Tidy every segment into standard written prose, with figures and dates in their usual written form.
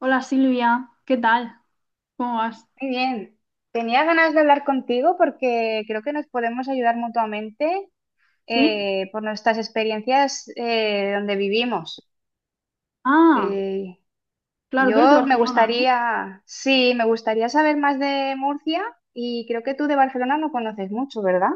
Hola Silvia, ¿qué tal? ¿Cómo vas? Muy bien. Tenía ganas de hablar contigo porque creo que nos podemos ayudar mutuamente ¿Sí? Por nuestras experiencias donde vivimos. Ah, Eh, claro, tú eres de yo me Barcelona, ¿no? gustaría, sí, me gustaría saber más de Murcia y creo que tú de Barcelona no conoces mucho, ¿verdad?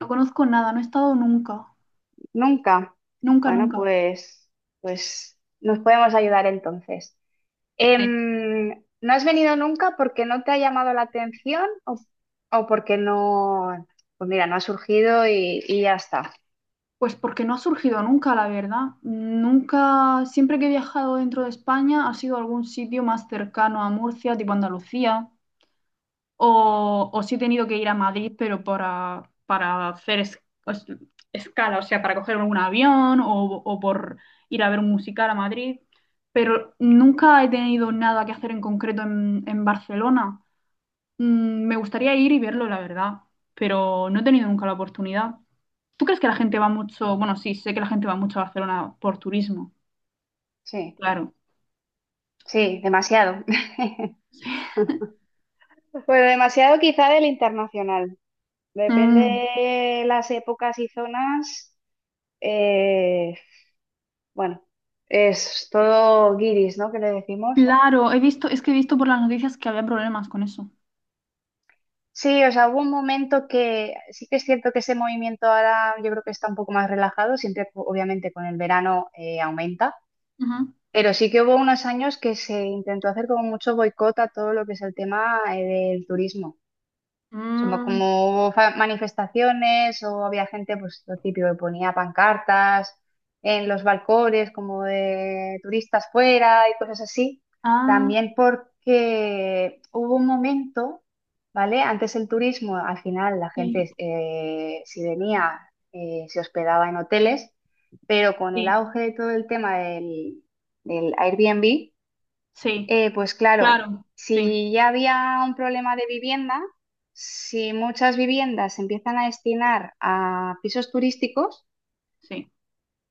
No conozco nada, no he estado nunca, Nunca. nunca, Bueno, nunca. pues, pues nos podemos ayudar entonces. Sí. Em, ¿No has venido nunca porque no te ha llamado la atención o porque no, pues mira, no ha surgido y ya está? Pues porque no ha surgido nunca, la verdad. Nunca, siempre que he viajado dentro de España ha sido algún sitio más cercano a Murcia, tipo Andalucía. O, o sí he tenido que ir a Madrid, pero para hacer es- escala, o sea, para coger un avión o por ir a ver un musical a Madrid, pero nunca he tenido nada que hacer en concreto en Barcelona. Mm, me gustaría ir y verlo, la verdad, pero no he tenido nunca la oportunidad. ¿Tú crees que la gente va mucho? Bueno, sí, sé que la gente va mucho a Barcelona por turismo, Sí, claro. sí, demasiado. Bueno, demasiado quizá del internacional. Mm, Depende las épocas y zonas. eh, bueno, es todo guiris, ¿no? Que le decimos. claro, he visto, es que he visto por las noticias que había problemas con eso. Sí, o sea, hubo un momento que sí que es cierto que ese movimiento ahora yo creo que está un poco más relajado, siempre obviamente con el verano aumenta, pero sí que hubo unos años que se intentó hacer como mucho boicot a todo lo que es el tema del turismo. Ujú. Somos como hubo manifestaciones o había gente, pues lo típico, que ponía pancartas en los balcones, como de turistas fuera y cosas así. ah, También porque hubo un momento, ¿vale? Antes el turismo, al final la Sí, gente, si venía, se hospedaba en hoteles, pero con el sí, auge de todo el tema del, del Airbnb, sí, pues claro, claro, sí, si ya había un problema de vivienda, si muchas viviendas se empiezan a destinar a pisos turísticos, sí,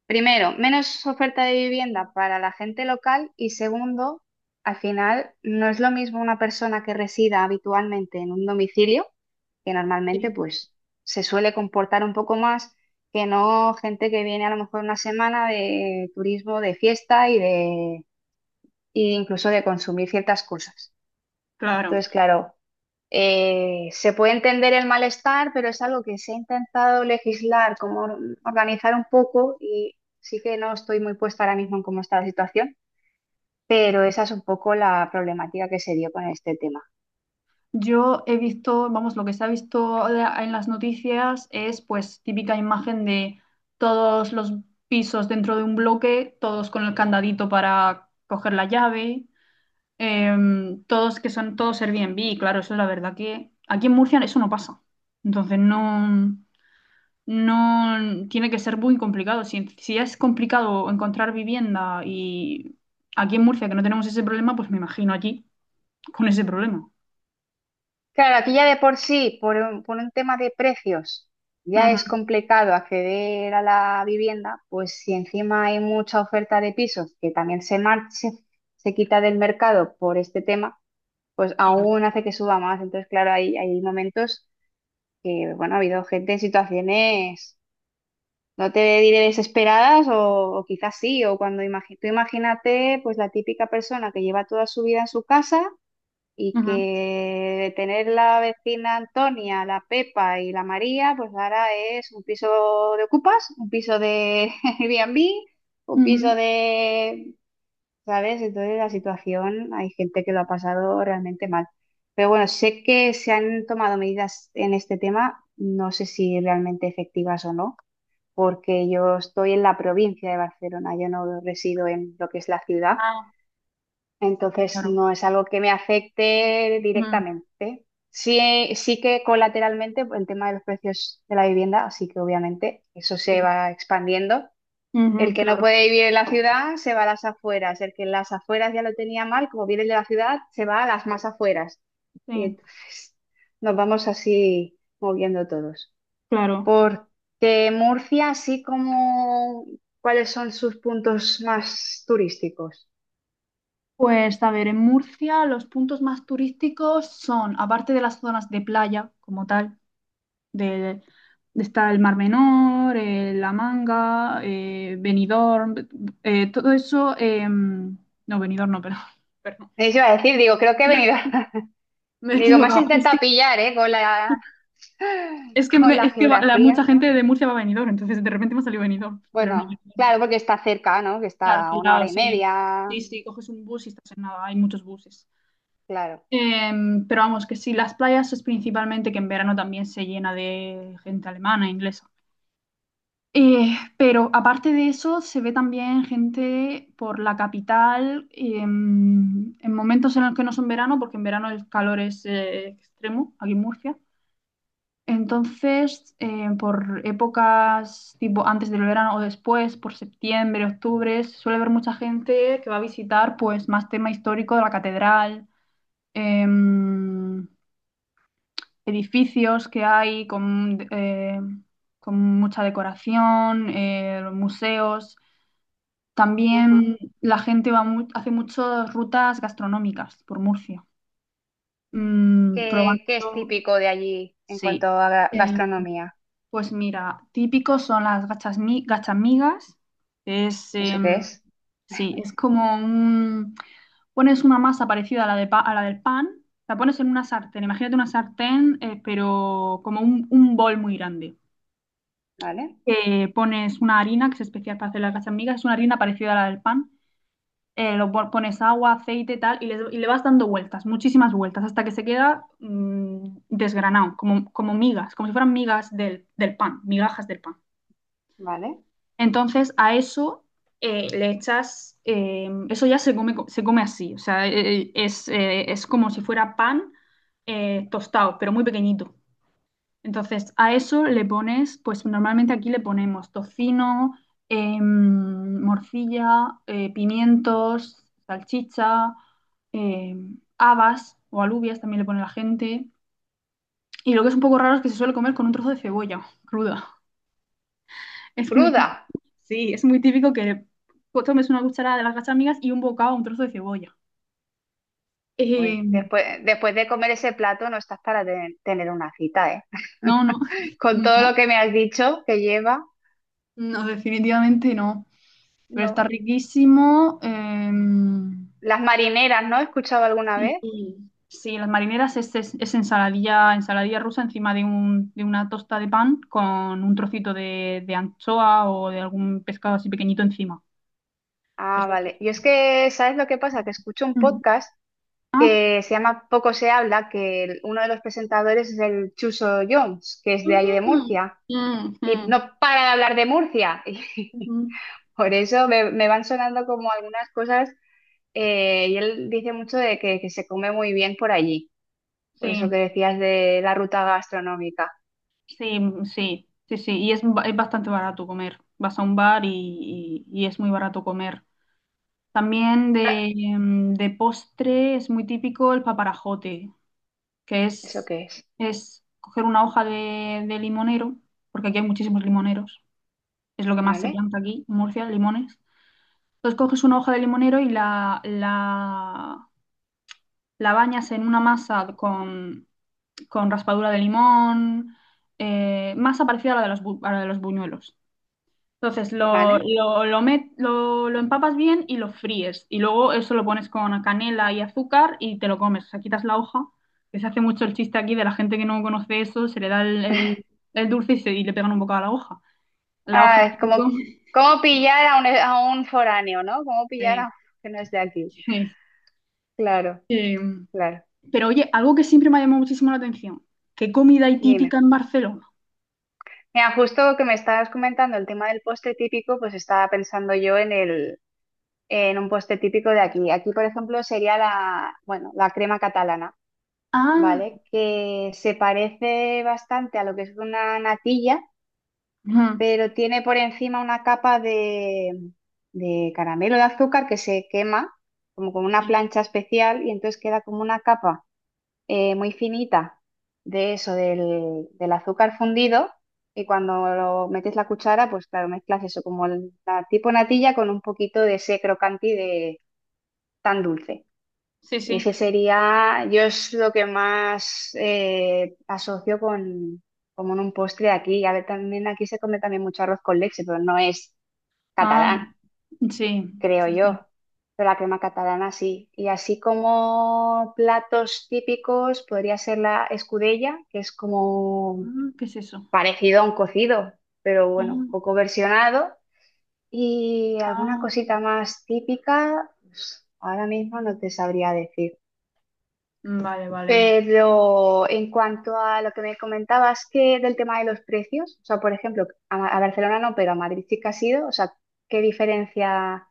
primero, menos oferta de vivienda para la gente local y segundo, al final no es lo mismo una persona que resida habitualmente en un domicilio, que normalmente sí, pues se suele comportar un poco más, que no gente que viene a lo mejor una semana de turismo, de fiesta y de, e incluso de consumir ciertas cosas. claro. Entonces, claro, se puede entender el malestar, pero es algo que se ha intentado legislar, como organizar un poco, y sí que no estoy muy puesta ahora mismo en cómo está la situación, pero esa es un poco la problemática que se dio con este tema. Yo he visto, vamos, lo que se ha visto en las noticias es pues típica imagen de todos los pisos dentro de un bloque, todos con el candadito para coger la llave, todos que son todos Airbnb, claro, eso es la verdad que aquí en Murcia eso no pasa. Entonces no. No tiene que ser muy complicado. Si, si es complicado encontrar vivienda y aquí en Murcia que no tenemos ese problema, pues me imagino allí con ese problema. Claro, aquí ya de por sí, por un tema de precios, ya Ujú, es complicado acceder a la vivienda, pues si encima hay mucha oferta de pisos que también se, se quita del mercado por este tema pues claro. aún hace que suba más. Entonces, claro, hay momentos que, bueno, ha habido gente en situaciones, no te diré desesperadas o quizás sí, o cuando tú imagínate, pues la típica persona que lleva toda su vida en su casa y que tener la vecina Antonia, la Pepa y la María, pues ahora es un piso de ocupas, un piso de Airbnb. Un Ujú, ujú. piso de ¿sabes? Entonces la situación, hay gente que lo ha pasado realmente mal. Pero bueno, sé que se han tomado medidas en este tema, no sé si realmente efectivas o no, porque yo estoy en la provincia de Barcelona, yo no resido en lo que es la ciudad, Ah, entonces claro. no es algo que me afecte Ujú, directamente. Sí, sí que colateralmente el tema de los precios de la vivienda, así que obviamente eso se sí. va expandiendo Ujú, el que no claro. puede vivir en la ciudad se va a las afueras. El que en las afueras ya lo tenía mal, como viene de la ciudad, se va a las más afueras. Y Sí, entonces nos vamos así moviendo todos. claro. Porque Murcia, así como, ¿cuáles son sus puntos más turísticos? Pues a ver, en Murcia los puntos más turísticos son, aparte de las zonas de playa como tal, del- está el Mar Menor, La Manga, Benidorm, todo eso, no, Benidorm no, pero, perdón, Eso iba a decir, digo, creo que he venido. me he Digo, más equivocado. Intenta pillar, ¿eh? Con la, Es que, con me- la es que va- la, Mucha geografía. gente de Murcia va a Benidorm, entonces de repente me ha salido Benidorm, pero no. Bueno, Benidorm no. claro, porque está cerca, ¿no? Que Claro, está que a al una hora lado, y sí, media. sí, sí, coges un bus y estás en nada, hay muchos buses. Claro. Pero vamos, que sí, las playas es principalmente que en verano también se llena de gente alemana, inglesa. Pero aparte de eso, se ve también gente por la capital en momentos en los que no son verano, porque en verano el calor es extremo aquí en Murcia. Entonces, por épocas tipo antes del verano o después, por septiembre, octubre, suele haber mucha gente que va a visitar pues más tema histórico de la catedral, em, edificios que hay con mucha decoración, museos. Ajá. También la gente hace muchas rutas gastronómicas por Murcia. Mm, ¿Qué, qué es probando, típico de allí en cuanto sí. a Eh, gastronomía? pues mira, típicos son las gachas, gachamigas. Es, ¿Eso qué em, es? sí, es como un... Pones una masa parecida a la, a la del pan, la pones en una sartén. Imagínate una sartén, pero como un bol muy grande. ¿Vale? Pones una harina que es especial para hacer las gachas migas es una harina parecida a la del pan. Pones agua, aceite, tal, y le vas dando vueltas, muchísimas vueltas, hasta que se queda desgranado, como, como migas, como si fueran migas del, del pan, migajas del pan. ¿Vale? Entonces a eso le echas, eso ya se come, se come así, o sea, es como si fuera pan tostado, pero muy pequeñito. Entonces, a eso le pones, pues normalmente aquí le ponemos tocino, morcilla, pimientos, salchicha, habas o alubias también le pone la gente. Y lo que es un poco raro es que se suele comer con un trozo de cebolla cruda. Es muy típico, Cruda. sí, es muy típico que tomes una cucharada de las gachamigas y un bocado, un trozo de cebolla. Uy, Em, después, después de comer ese plato no estás para tener una cita, ¿eh? no, no, Con todo no, lo que me has dicho que lleva, no, definitivamente no. Pero está no. riquísimo. Las marineras, ¿no? ¿He escuchado alguna Sí, vez? sí, las marineras es, es ensaladilla, ensaladilla rusa encima de, un, de una tosta de pan con un trocito de anchoa o de algún pescado así pequeñito encima. Ah, Eso es. vale. Yo es que, ¿sabes lo que pasa? Que escucho un Mm. podcast Ah. que se llama Poco se habla, que uno de los presentadores es el Chuso Jones, que es de allí de Mm, Murcia, mm, y mm, no para de hablar de Murcia. ujú. Por eso me, me van sonando como algunas cosas y él dice mucho de que se come muy bien por allí, Sí, por eso que decías de la ruta gastronómica. sí, sí, sí, sí. Y es, es bastante barato comer. Vas a un bar y, y es muy barato comer. También Ca- de, de postre es muy típico el paparajote. Que ¿Eso qué es? es coger una hoja de limonero, porque aquí hay muchísimos limoneros, es lo que más se ¿Vale? planta aquí, en Murcia, limones. Entonces coges una hoja de limonero y la bañas en una masa con raspadura de limón, masa parecida a la de los, a la de los buñuelos. Entonces ¿Vale? Lo empapas bien y lo fríes. Y luego eso lo pones con canela y azúcar y te lo comes. O sea, quitas la hoja, que se hace mucho el chiste aquí de la gente que no conoce eso, se le da el dulce y, y le pegan un bocado a la hoja. La hoja Ah, es se como, come. como pillar a un foráneo, ¿no? Como pillar a un Sí, que no es de aquí. sí, Claro, sí. claro. Pero oye, algo que siempre me ha llamado muchísimo la atención. ¿Qué comida hay típica Dime. en Barcelona? Mira, justo que me estabas comentando el tema del postre típico, pues estaba pensando yo en el, en un postre típico de aquí. Aquí, por ejemplo, sería la, bueno, la crema catalana Ah, ¿vale? Que se parece bastante a lo que es una natilla, ujú. pero tiene por encima una capa de caramelo de azúcar que se quema como con una Sí, plancha especial y entonces queda como una capa muy finita de eso, del, del azúcar fundido. Y cuando lo metes la cuchara, pues claro, mezclas eso como la tipo natilla con un poquito de ese crocanti de tan dulce. sí, Ese sí. sería, yo es lo que más asocio con, como en un postre de aquí. A ver, también aquí se come también mucho arroz con leche, pero no es Ah, catalán, sí, creo sí, yo. sí. Pero la crema catalana sí. Y así como platos típicos, podría ser la escudella, que es como Ah, ¿qué es eso? parecido a un cocido, pero bueno, un Ah, poco versionado. Y alguna ah. cosita más típica, pues, ahora mismo no te sabría decir. Vale, vale. Pero en cuanto a lo que me comentabas que del tema de los precios, o sea, por ejemplo, a, a Barcelona no, pero a Madrid sí que has ido, o sea, ¿qué diferencia?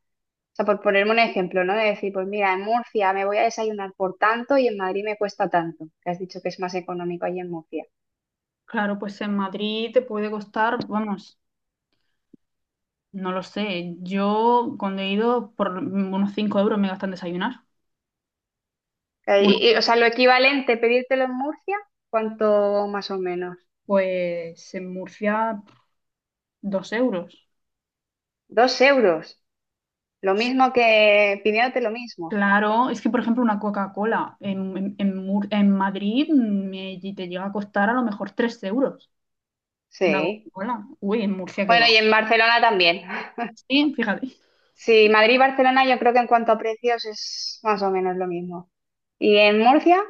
O sea, por ponerme un ejemplo, ¿no? De decir, pues mira, en Murcia me voy a desayunar por tanto y en Madrid me cuesta tanto, que has dicho que es más económico allí en Murcia. Claro, pues en Madrid te puede costar, vamos, no lo sé. Yo cuando he ido por unos 5 euros me gastan desayunar. Una, Y, o sea, lo equivalente, pedírtelo en Murcia, ¿cuánto más o menos? pues en Murcia, 2 euros. 2 euros, lo mismo que pidiéndote lo mismo. Claro, es que por ejemplo una Coca-Cola en en Madrid me, te llega a costar a lo mejor 3 euros. Una Sí. Coca-Cola. Uy, en Murcia qué Bueno, va. y en Barcelona también. Sí, fíjate. Sí, Madrid y Barcelona yo creo que en cuanto a precios es más o menos lo mismo. ¿Y en Murcia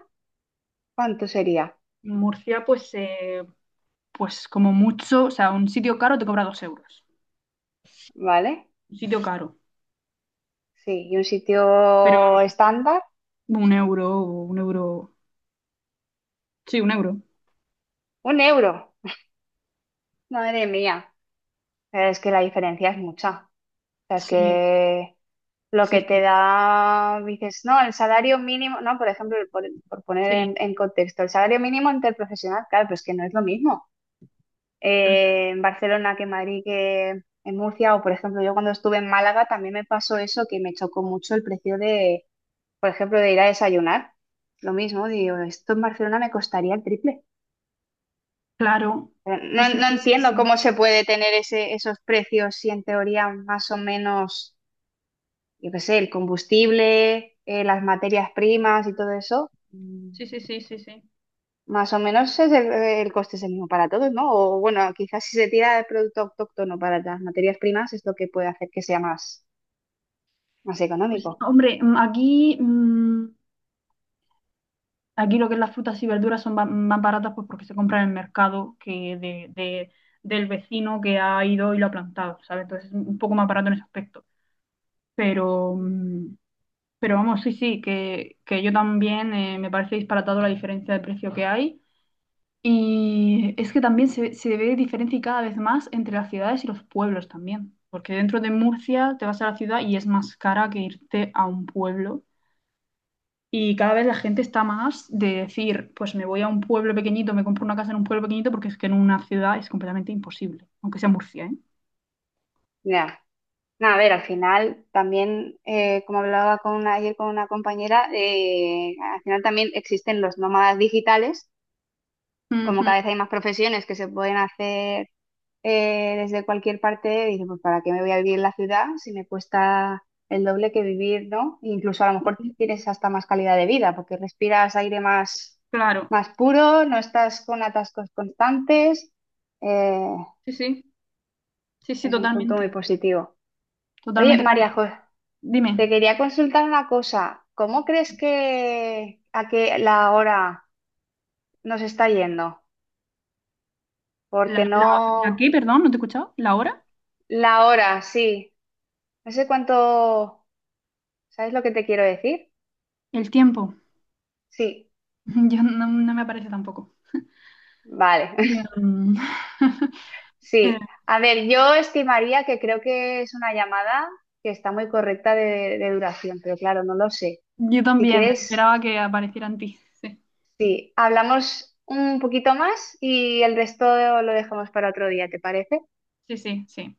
cuánto sería? En Murcia pues, pues como mucho, o sea, un sitio caro te cobra 2 euros. ¿Vale? Un sitio caro. Sí, y un Pero sitio estándar, un euro, 1 euro. Sí, 1 euro. 1 euro. Madre mía, pero es que la diferencia es mucha. O sea, es Sí, que lo que sí, te sí, da, dices, no, el salario mínimo, no, por ejemplo, por poner sí. En contexto, el salario mínimo interprofesional, claro, pues que no es lo mismo. En Barcelona que en Madrid que en Murcia. O, por ejemplo, yo cuando estuve en Málaga también me pasó eso, que me chocó mucho el precio de, por ejemplo, de ir a desayunar. Lo mismo, digo, esto en Barcelona me costaría el triple. Claro. Pero Sí, no, sí, no sí, sí, entiendo sí. cómo se puede tener ese, esos precios si en teoría más o menos, yo qué sé, el combustible, las materias primas y todo eso. Mm, Sí, sí, sí, sí, sí. más o menos es el coste es el mismo para todos, ¿no? O bueno, quizás si se tira el producto autóctono para las materias primas es lo que puede hacer que sea más, más Pues, económico. hombre, aquí, aquí lo que es las frutas y verduras son más baratas pues porque se compran en el mercado del vecino que ha ido y lo ha plantado, ¿sabes? Entonces es un poco más barato en ese aspecto. Pero, pero vamos, sí, sí, que yo también me parece disparatado la diferencia de precio que hay. Y es que también se ve diferencia cada vez más entre las ciudades y los pueblos también, porque dentro de Murcia te vas a la ciudad y es más cara que irte a un pueblo. Y cada vez la gente está más de decir, pues me voy a un pueblo pequeñito, me compro una casa en un pueblo pequeñito, porque es que en una ciudad es completamente imposible, aunque sea Murcia, ¿eh? Ya. No, a ver, al final también, como hablaba con ayer con una compañera, al final también existen los nómadas digitales como Ujú. cada vez hay más profesiones que se pueden hacer desde cualquier parte, dices pues ¿para qué me voy a vivir en la ciudad si me cuesta el doble que vivir, ¿no? Incluso a lo mejor tienes hasta más calidad de vida porque respiras aire más, Claro, más puro, no estás con atascos constantes. eh, sí, sí, sí, sí, es un punto muy totalmente, positivo. Oye, totalmente. Claro. María José, Dime, te quería consultar una cosa. ¿Cómo crees que a qué la hora nos está yendo? Porque ¿la, la, la qué, no... perdón, no te he escuchado? ¿La hora? La hora, sí. No sé cuánto, ¿sabes lo que te quiero decir? ¿El tiempo? Sí, Yo no, no me aparece tampoco. vale, Y, eh, sí. A ver, yo estimaría que creo que es una llamada que está muy correcta de duración, pero claro, no lo sé. yo Si también quieres, esperaba que aparecieran ti. Sí, sí, hablamos un poquito más y el resto lo dejamos para otro día, ¿te parece? sí, sí, sí.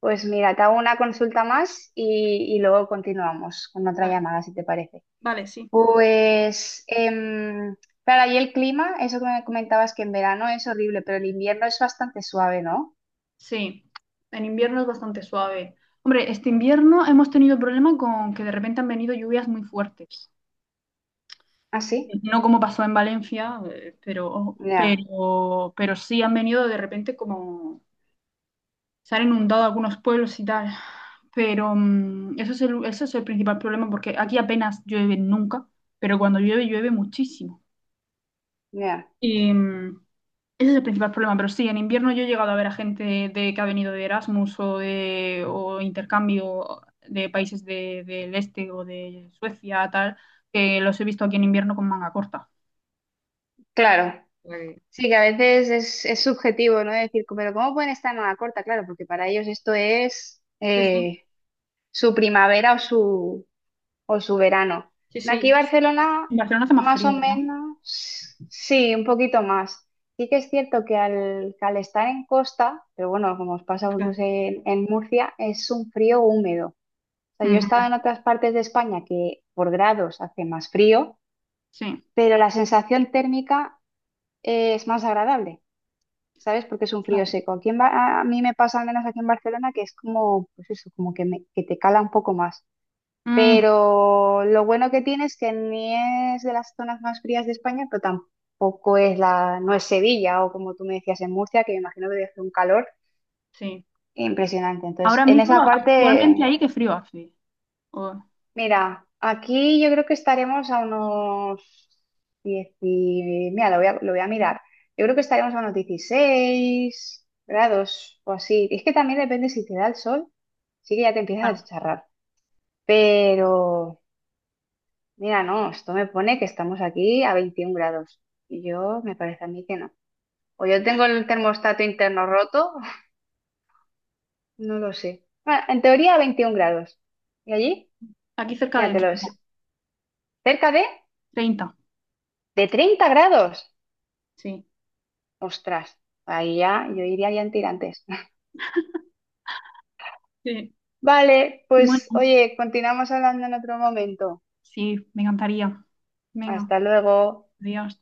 Pues mira, te hago una consulta más y luego continuamos con otra Vale, llamada, si te parece. vale, sí. Pues, claro, ahí el clima, eso que me comentabas que en verano es horrible, pero el invierno es bastante suave, ¿no? Sí, en invierno es bastante suave. Hombre, este invierno hemos tenido problema con que de repente han venido lluvias muy fuertes. ¿Ah, sí? No como pasó en Valencia, Ya, pero sí han venido de repente como se han inundado algunos pueblos y tal. Pero eso es el principal problema porque aquí apenas llueve nunca, pero cuando llueve, llueve muchísimo. ya. Y ese es el principal problema, pero sí, en invierno yo he llegado a ver a gente de, que ha venido de Erasmus o de o intercambio de países del este o de Suecia, tal, que los he visto aquí en invierno con manga corta. Claro. Vale. Sí, que a veces es subjetivo, ¿no? Decir, pero ¿cómo pueden estar en una corta? Claro, porque para ellos esto es Sí, sí, su primavera o su verano. sí, De aquí a sí. Barcelona, En Barcelona hace más más o frío, ¿verdad? menos, sí, un poquito más. Sí que es cierto que al estar en costa, pero bueno, como os pasa a vosotros Claro. En Murcia, es un frío húmedo. O sea, yo he estado Ujú, en otras partes de España que por grados hace más frío, sí, pero la sensación térmica es más agradable, ¿sabes? Porque es un frío claro. seco. Aquí en a mí me pasa al menos aquí en Barcelona que es como, pues eso, como que, que te cala un poco más. Mm, Pero lo bueno que tiene es que ni es de las zonas más frías de España, pero tampoco es la, no es Sevilla o como tú me decías en Murcia, que me imagino que debe hacer un calor sí. impresionante. Entonces, Ahora en mismo, esa actualmente parte, ahí, qué frío hace. O- mira, aquí yo creo que estaremos a unos 10, mira, lo voy a mirar. Yo creo que estaremos a unos 16 grados o así. Es que también depende si te da el sol, sí que ya te empiezas a claro, chicharrar. Pero mira, no, esto me pone que estamos aquí a 21 grados. Y yo, me parece a mí que no. O yo tengo el termostato interno roto, no lo sé. Bueno, en teoría a 21 grados. ¿Y allí? aquí cerca de Míratelo, es cerca treinta de 30 grados. sí. Ostras, ahí ya, yo iría ya en tirantes. Sí. Vale, pues Bueno, oye, continuamos hablando en otro momento. sí, me encantaría. Venga. Hasta luego. Adiós.